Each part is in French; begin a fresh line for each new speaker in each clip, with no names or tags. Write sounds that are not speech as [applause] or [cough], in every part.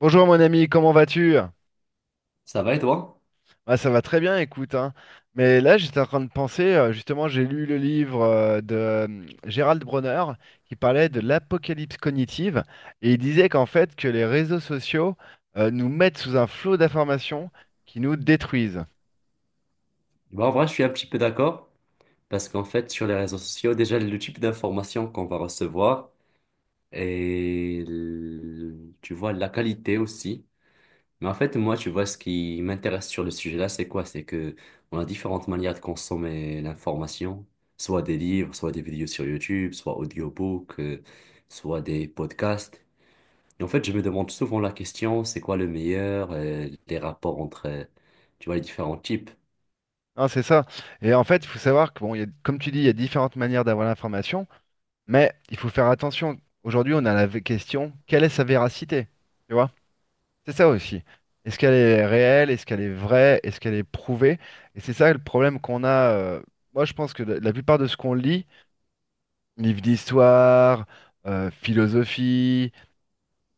Bonjour mon ami, comment vas-tu?
Ça va et toi?
Ça va très bien, écoute, hein. Mais là, j'étais en train de penser, justement, j'ai lu le livre de Gérald Bronner qui parlait de l'apocalypse cognitive et il disait que les réseaux sociaux nous mettent sous un flot d'informations qui nous détruisent.
Bah, en vrai, je suis un petit peu d'accord parce qu'en fait, sur les réseaux sociaux, déjà, le type d'information qu'on va recevoir et tu vois la qualité aussi. Mais en fait, moi, tu vois, ce qui m'intéresse sur le sujet-là, c'est quoi? C'est que on a différentes manières de consommer l'information, soit des livres, soit des vidéos sur YouTube, soit audiobooks, soit des podcasts. Et en fait, je me demande souvent la question, c'est quoi le meilleur, les rapports entre, tu vois, les différents types.
Hein, c'est ça. Et en fait, il faut savoir que, bon, comme tu dis, il y a différentes manières d'avoir l'information, mais il faut faire attention. Aujourd'hui, on a question, quelle est sa véracité? Tu vois? C'est ça aussi. Est-ce qu'elle est réelle? Est-ce qu'elle est vraie? Est-ce qu'elle est prouvée? Et c'est ça le problème qu'on a. Moi, je pense que la plupart de ce qu'on lit, livres d'histoire, philosophie,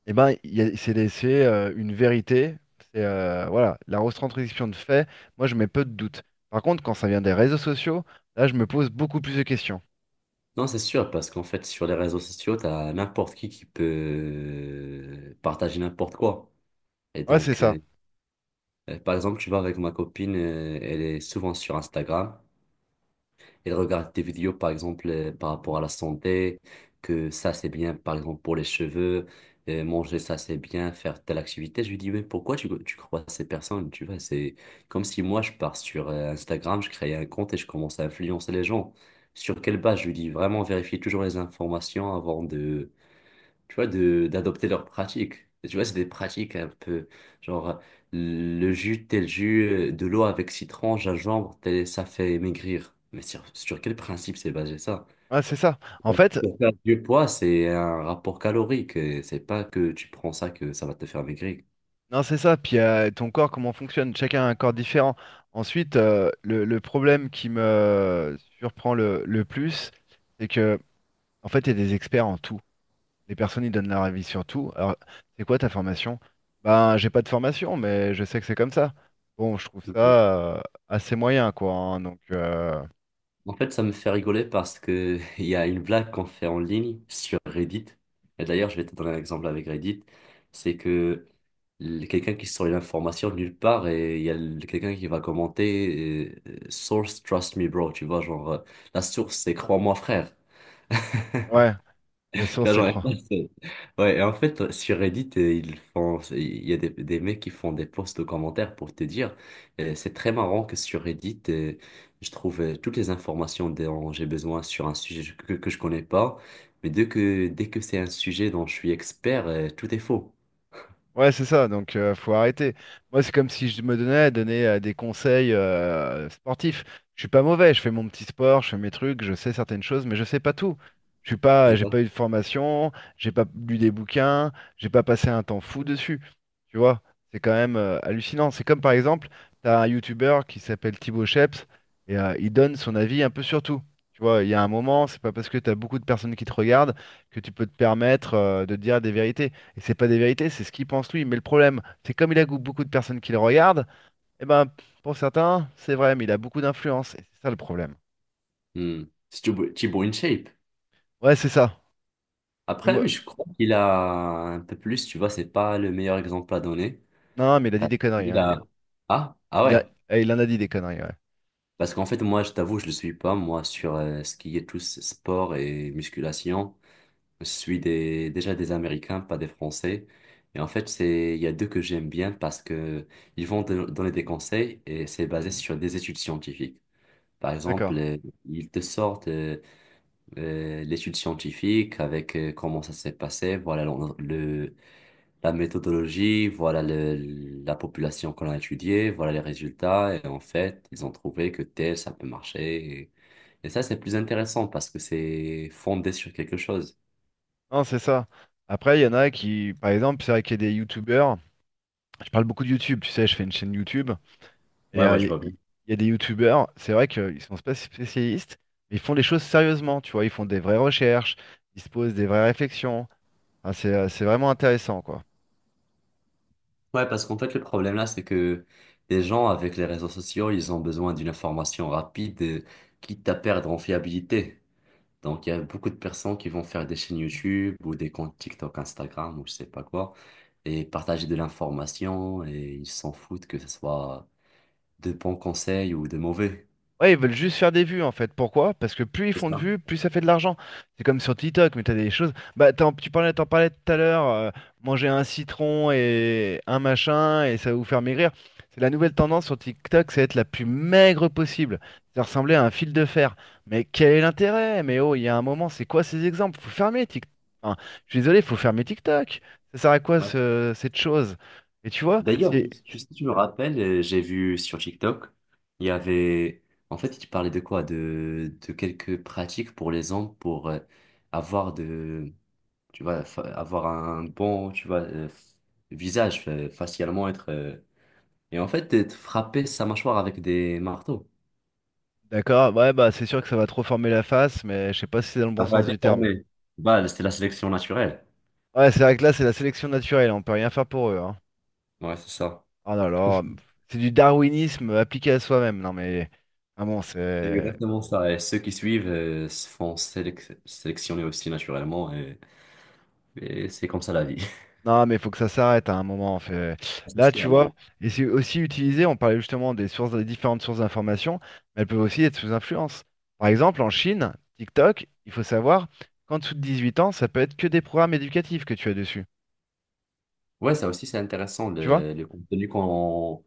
eh ben, c'est laissé une vérité. C'est voilà, la retranscription de faits. Moi, je mets peu de doute. Par contre, quand ça vient des réseaux sociaux, là, je me pose beaucoup plus de questions.
Non, c'est sûr, parce qu'en fait, sur les réseaux sociaux, t'as n'importe qui peut partager n'importe quoi. Et
Ouais, c'est
donc,
ça.
par exemple, tu vois, avec ma copine, elle est souvent sur Instagram, ils regardent des vidéos, par exemple, par rapport à la santé, que ça, c'est bien, par exemple, pour les cheveux, manger ça, c'est bien, faire telle activité. Je lui dis, mais pourquoi tu crois à ces personnes? Tu vois, c'est comme si moi, je pars sur Instagram, je crée un compte et je commence à influencer les gens. Sur quelle base? Je lui dis, vraiment, vérifier toujours les informations avant de, tu vois, d'adopter leurs pratiques. Et tu vois, c'est des pratiques un peu, genre, le jus, tel jus, de l'eau avec citron, gingembre, ça fait maigrir. Mais sur quel principe c'est basé ça?
Ouais, c'est ça.
Pour faire du poids, c'est un rapport calorique. Et c'est pas que tu prends ça que ça va te faire maigrir.
Non, c'est ça. Puis ton corps, comment fonctionne? Chacun a un corps différent. Ensuite, le problème qui me surprend le plus, c'est que, en fait, il y a des experts en tout. Les personnes, ils donnent leur avis sur tout. Alors, c'est quoi ta formation? Ben, j'ai pas de formation, mais je sais que c'est comme ça. Bon, je trouve
Mhm.
ça assez moyen, quoi. Hein.
En fait, ça me fait rigoler parce que [laughs] il y a une blague qu'on fait en ligne sur Reddit. Et d'ailleurs, je vais te donner un exemple avec Reddit. C'est que quelqu'un qui sort une information de nulle part et il y a quelqu'un qui va commenter source trust me bro, tu vois, genre, la source c'est crois-moi frère.
Ouais,
[laughs] Tu
la source,
vois,
c'est
genre,
croire.
[laughs] c'est- ouais. Et en fait, sur Reddit ils font il y a des mecs qui font des posts de commentaires pour te dire. C'est très marrant que sur Reddit, je trouve toutes les informations dont j'ai besoin sur un sujet que je connais pas, mais dès que c'est un sujet dont je suis expert, tout est faux.
Ouais, c'est ça, donc faut arrêter. Moi, c'est comme si je me donnais à donner des conseils sportifs. Je suis pas mauvais, je fais mon petit sport, je fais mes trucs, je sais certaines choses, mais je sais pas tout. Je suis pas, j'ai pas
Exact.
eu de formation, j'ai pas lu des bouquins, j'ai pas passé un temps fou dessus. Tu vois, c'est quand même hallucinant. C'est comme par exemple, t'as un youtubeur qui s'appelle Thibaut Sheps et il donne son avis un peu sur tout. Tu vois, il y a un moment, c'est pas parce que t'as beaucoup de personnes qui te regardent que tu peux te permettre de dire des vérités. Et c'est pas des vérités, c'est ce qu'il pense lui. Mais le problème, c'est comme beaucoup de personnes qui le regardent, et ben pour certains, c'est vrai, mais il a beaucoup d'influence. Et c'est ça le problème.
Hmm. Tu es in shape.
Ouais, c'est ça. Mais
Après,
moi...
lui, je crois qu'il a un peu plus, tu vois, c'est pas le meilleur exemple à donner.
Non, mais il a dit
Parce
des conneries,
qu'il
hein, lui.
a...
Hein.
Ah, ah
Il a...
ouais.
Eh, il en a dit des conneries, ouais.
Parce qu'en fait, moi, je t'avoue, je le suis pas, moi, sur ce qui est tout ce sport et musculation. Je suis déjà des Américains, pas des Français. Et en fait, c'est, il y a deux que j'aime bien parce que ils vont te donner des conseils et c'est basé sur des études scientifiques. Par
D'accord.
exemple, ils te sortent l'étude scientifique avec comment ça s'est passé, voilà le, la méthodologie, voilà la population qu'on a étudiée, voilà les résultats. Et en fait, ils ont trouvé que tel, ça peut marcher. Et ça, c'est plus intéressant parce que c'est fondé sur quelque chose.
Non, c'est ça. Après, il y en a qui, par exemple, c'est vrai qu'il y a des youtubeurs. Je parle beaucoup de YouTube, tu sais, je fais une chaîne YouTube. Et
Ouais, ouais, je vois bien.
il y a des youtubeurs, c'est vrai qu'ils sont pas spécialistes, mais ils font les choses sérieusement, tu vois. Ils font des vraies recherches, ils se posent des vraies réflexions. Enfin, c'est vraiment intéressant, quoi.
Ouais, parce qu'en fait, le problème là, c'est que les gens avec les réseaux sociaux, ils ont besoin d'une information rapide, quitte à perdre en fiabilité. Donc, il y a beaucoup de personnes qui vont faire des chaînes YouTube ou des comptes TikTok, Instagram ou je sais pas quoi, et partager de l'information et ils s'en foutent que ce soit de bons conseils ou de mauvais.
Ouais, ils veulent juste faire des vues en fait. Pourquoi? Parce que plus ils
C'est
font de
ça.
vues, plus ça fait de l'argent. C'est comme sur TikTok, mais t'as des choses. Bah, tu parlais, t'en parlais tout à l'heure, manger un citron et un machin et ça va vous faire maigrir. C'est la nouvelle tendance sur TikTok, c'est être la plus maigre possible. Ça ressemblait à un fil de fer. Mais quel est l'intérêt? Mais oh, il y a un moment, c'est quoi ces exemples? Faut fermer TikTok. Enfin, je suis désolé, faut fermer TikTok. Ça sert à quoi
Ouais.
cette chose? Et tu vois,
D'ailleurs,
c'est.
si tu me rappelles, j'ai vu sur TikTok, il y avait, en fait, tu parlais de quoi? De quelques pratiques pour les hommes pour avoir de, tu vois, avoir un bon, tu vois, visage, facialement être, et en fait, être frapper sa mâchoire avec des marteaux.
D'accord, ouais, bah c'est sûr que ça va trop former la face, mais je sais pas si c'est dans le bon
Ça va
sens du terme.
déformer. Bah, c'est la sélection naturelle.
Ouais, c'est vrai que là, c'est la sélection naturelle, on peut rien faire pour eux, hein.
Ouais, c'est ça.
Ah non alors, c'est du darwinisme appliqué à soi-même, non mais. Ah bon,
C'est
c'est.
exactement ça. Et ceux qui suivent se font sélectionner aussi naturellement. Et c'est comme ça la vie. [laughs]
Non, mais il faut que ça s'arrête hein, à un moment, en fait.
C'est
Là, tu
sûr, non,
vois,
non.
et c'est aussi utilisé, on parlait justement des sources, des différentes sources d'information, mais elles peuvent aussi être sous influence. Par exemple, en Chine, TikTok, il faut savoir qu'en dessous de 18 ans, ça peut être que des programmes éducatifs que tu as dessus,
Ouais, ça aussi, c'est intéressant,
tu vois?
le contenu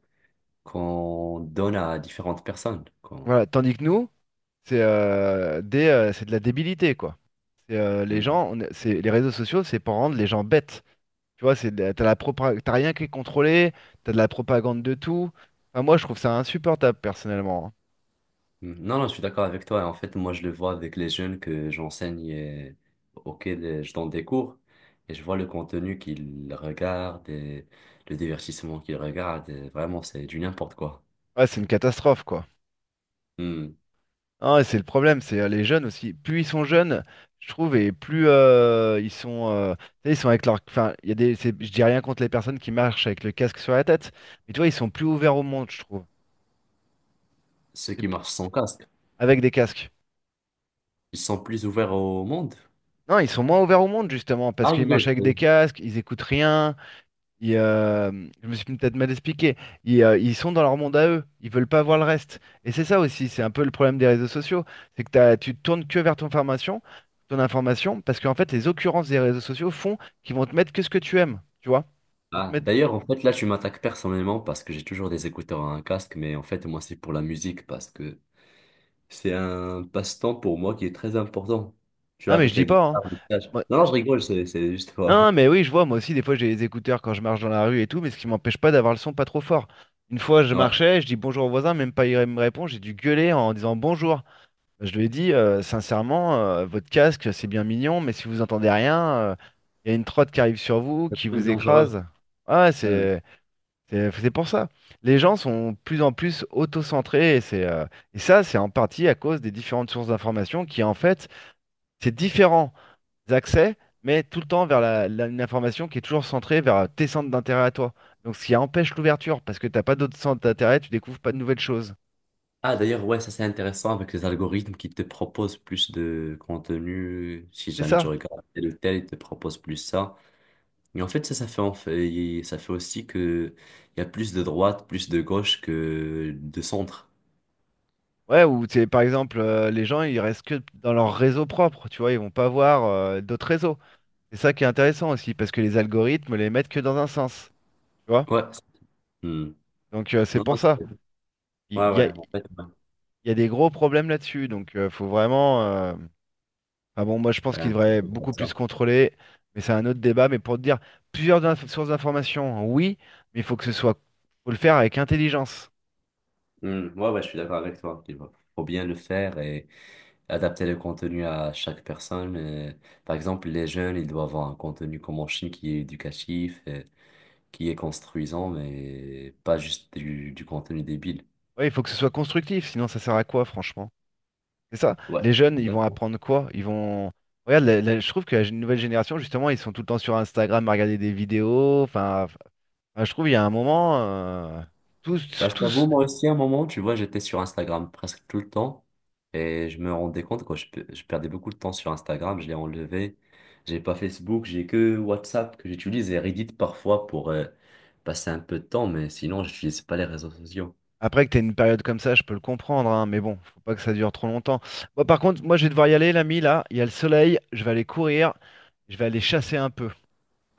qu'on donne à différentes personnes.
Voilà, tandis que nous, c'est de la débilité, quoi. C'est, les
Mm.
gens, on est- c'est, les réseaux sociaux, c'est pour rendre les gens bêtes. Tu vois, t'as rien qui est contrôlé, t'as de la propagande de tout. Enfin, moi, je trouve ça insupportable, personnellement. Hein.
Mm. Non, non, je suis d'accord avec toi. En fait, moi, je le vois avec les jeunes que j'enseigne, auxquels je donne des cours. Et je vois le contenu qu'ils regardent et le divertissement qu'ils regardent. Et vraiment, c'est du n'importe quoi.
Ouais, c'est une catastrophe, quoi.
Mm.
Ah, et c'est le problème, c'est les jeunes aussi. Plus ils sont jeunes, je trouve, et plus ils sont, tu sais, ils sont avec leur, enfin, il y a des, c'est- je dis rien contre les personnes qui marchent avec le casque sur la tête, mais tu vois, ils sont plus ouverts au monde, je trouve,
Ceux qui
C'est-
marchent sans casque.
avec des casques.
Ils sont plus ouverts au monde?
Non, ils sont moins ouverts au monde, justement, parce
Ah
qu'ils
oui, oui,
marchent
je
avec des
connais.
casques, ils écoutent rien. Ils, euh, Je me suis peut-être mal expliqué. Ils sont dans leur monde à eux. Ils veulent pas voir le reste. Et c'est ça aussi, c'est un peu le problème des réseaux sociaux. C'est que tu te tournes que vers ton formation, ton information, parce qu'en fait, les occurrences des réseaux sociaux font qu'ils vont te mettre que ce que tu aimes, tu vois? Ils vont te
Ah,
mettre...
d'ailleurs, en fait, là, tu m'attaques personnellement parce que j'ai toujours des écouteurs à un casque, mais en fait, moi, c'est pour la musique parce que c'est un passe-temps pour moi qui est très important. Tu
Non,
vois,
mais je
avec la
dis pas, hein.
guitare, le solfège.
Moi,
Non, non, je rigole, c'est juste
hein,
quoi.
mais
[laughs]
oui, je vois, moi aussi, des fois j'ai les écouteurs quand je marche dans la rue et tout, mais ce qui m'empêche pas d'avoir le son pas trop fort. Une fois, je
Ouais,
marchais, je dis bonjour au voisin, même pas il me répond, j'ai dû gueuler en disant bonjour. Je lui ai dit, sincèrement, votre casque, c'est bien mignon, mais si vous entendez rien, il y a une trotte qui arrive sur vous, qui
c'est très
vous
dangereux.
écrase. Ah, ouais,
Hmm.
c'est pour ça. Les gens sont de plus en plus autocentrés, et ça, c'est en partie à cause des différentes sources d'information qui, en fait, c'est différent des accès, mais tout le temps vers une information qui est toujours centrée vers tes centres d'intérêt à toi. Donc ce qui empêche l'ouverture, parce que t'as pas d'autres centres d'intérêt, tu découvres pas de nouvelles choses.
Ah, d'ailleurs, ouais, ça, c'est intéressant avec les algorithmes qui te proposent plus de contenu. Si
C'est
jamais tu
ça.
regardes tel ou tel, ils te proposent plus ça. Mais en fait, ça fait aussi que il y a plus de droite, plus de gauche que de centre.
Ouais, ou c'est par exemple, les gens, ils restent que dans leur réseau propre, tu vois, ils vont pas voir d'autres réseaux. C'est ça qui est intéressant aussi, parce que les algorithmes les mettent que dans un sens, tu vois.
Ouais. Hmm.
Donc c'est
Non,
pour
non,
ça.
c'est- ouais, ouais, en fait,
Il
ouais.
y a des gros problèmes là-dessus, donc faut vraiment... Ah bon, moi je pense
Ouais,
qu'il
un truc
devrait
comme
beaucoup plus se
ça.
contrôler, mais c'est un autre débat. Mais pour te dire, sources d'informations, oui, mais il faut que ce soit, faut le faire avec intelligence.
Hmm. Ouais, ouais, je suis d'accord avec toi. Il faut bien le faire et adapter le contenu à chaque personne. Par exemple, les jeunes, ils doivent avoir un contenu comme en Chine qui est éducatif, qui est construisant, mais pas juste du contenu débile.
Oui, il faut que ce soit constructif, sinon ça sert à quoi, franchement? C'est ça.
Ouais,
Les jeunes, ils vont
exactement.
apprendre quoi? Ils vont. Regarde, je trouve que nouvelle génération, justement, ils sont tout le temps sur Instagram à regarder des vidéos. Enfin, je trouve il y a un moment,
Bah,
tous,
je t'avoue,
tous.
moi aussi, à un moment, tu vois, j'étais sur Instagram presque tout le temps et je me rendais compte que je perdais beaucoup de temps sur Instagram, je l'ai enlevé. J'ai pas Facebook, j'ai que WhatsApp que j'utilise et Reddit parfois pour passer un peu de temps, mais sinon, j'utilise pas les réseaux sociaux.
Après que tu une période comme ça, je peux le comprendre, hein, mais bon, faut pas que ça dure trop longtemps. Moi, par contre, moi, je vais devoir y aller, l'ami, là. Il y a le soleil, je vais aller courir, je vais aller chasser un peu.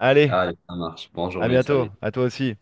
Allez,
Allez, ça marche. Bonne
à
journée,
bientôt,
salut.
à toi aussi.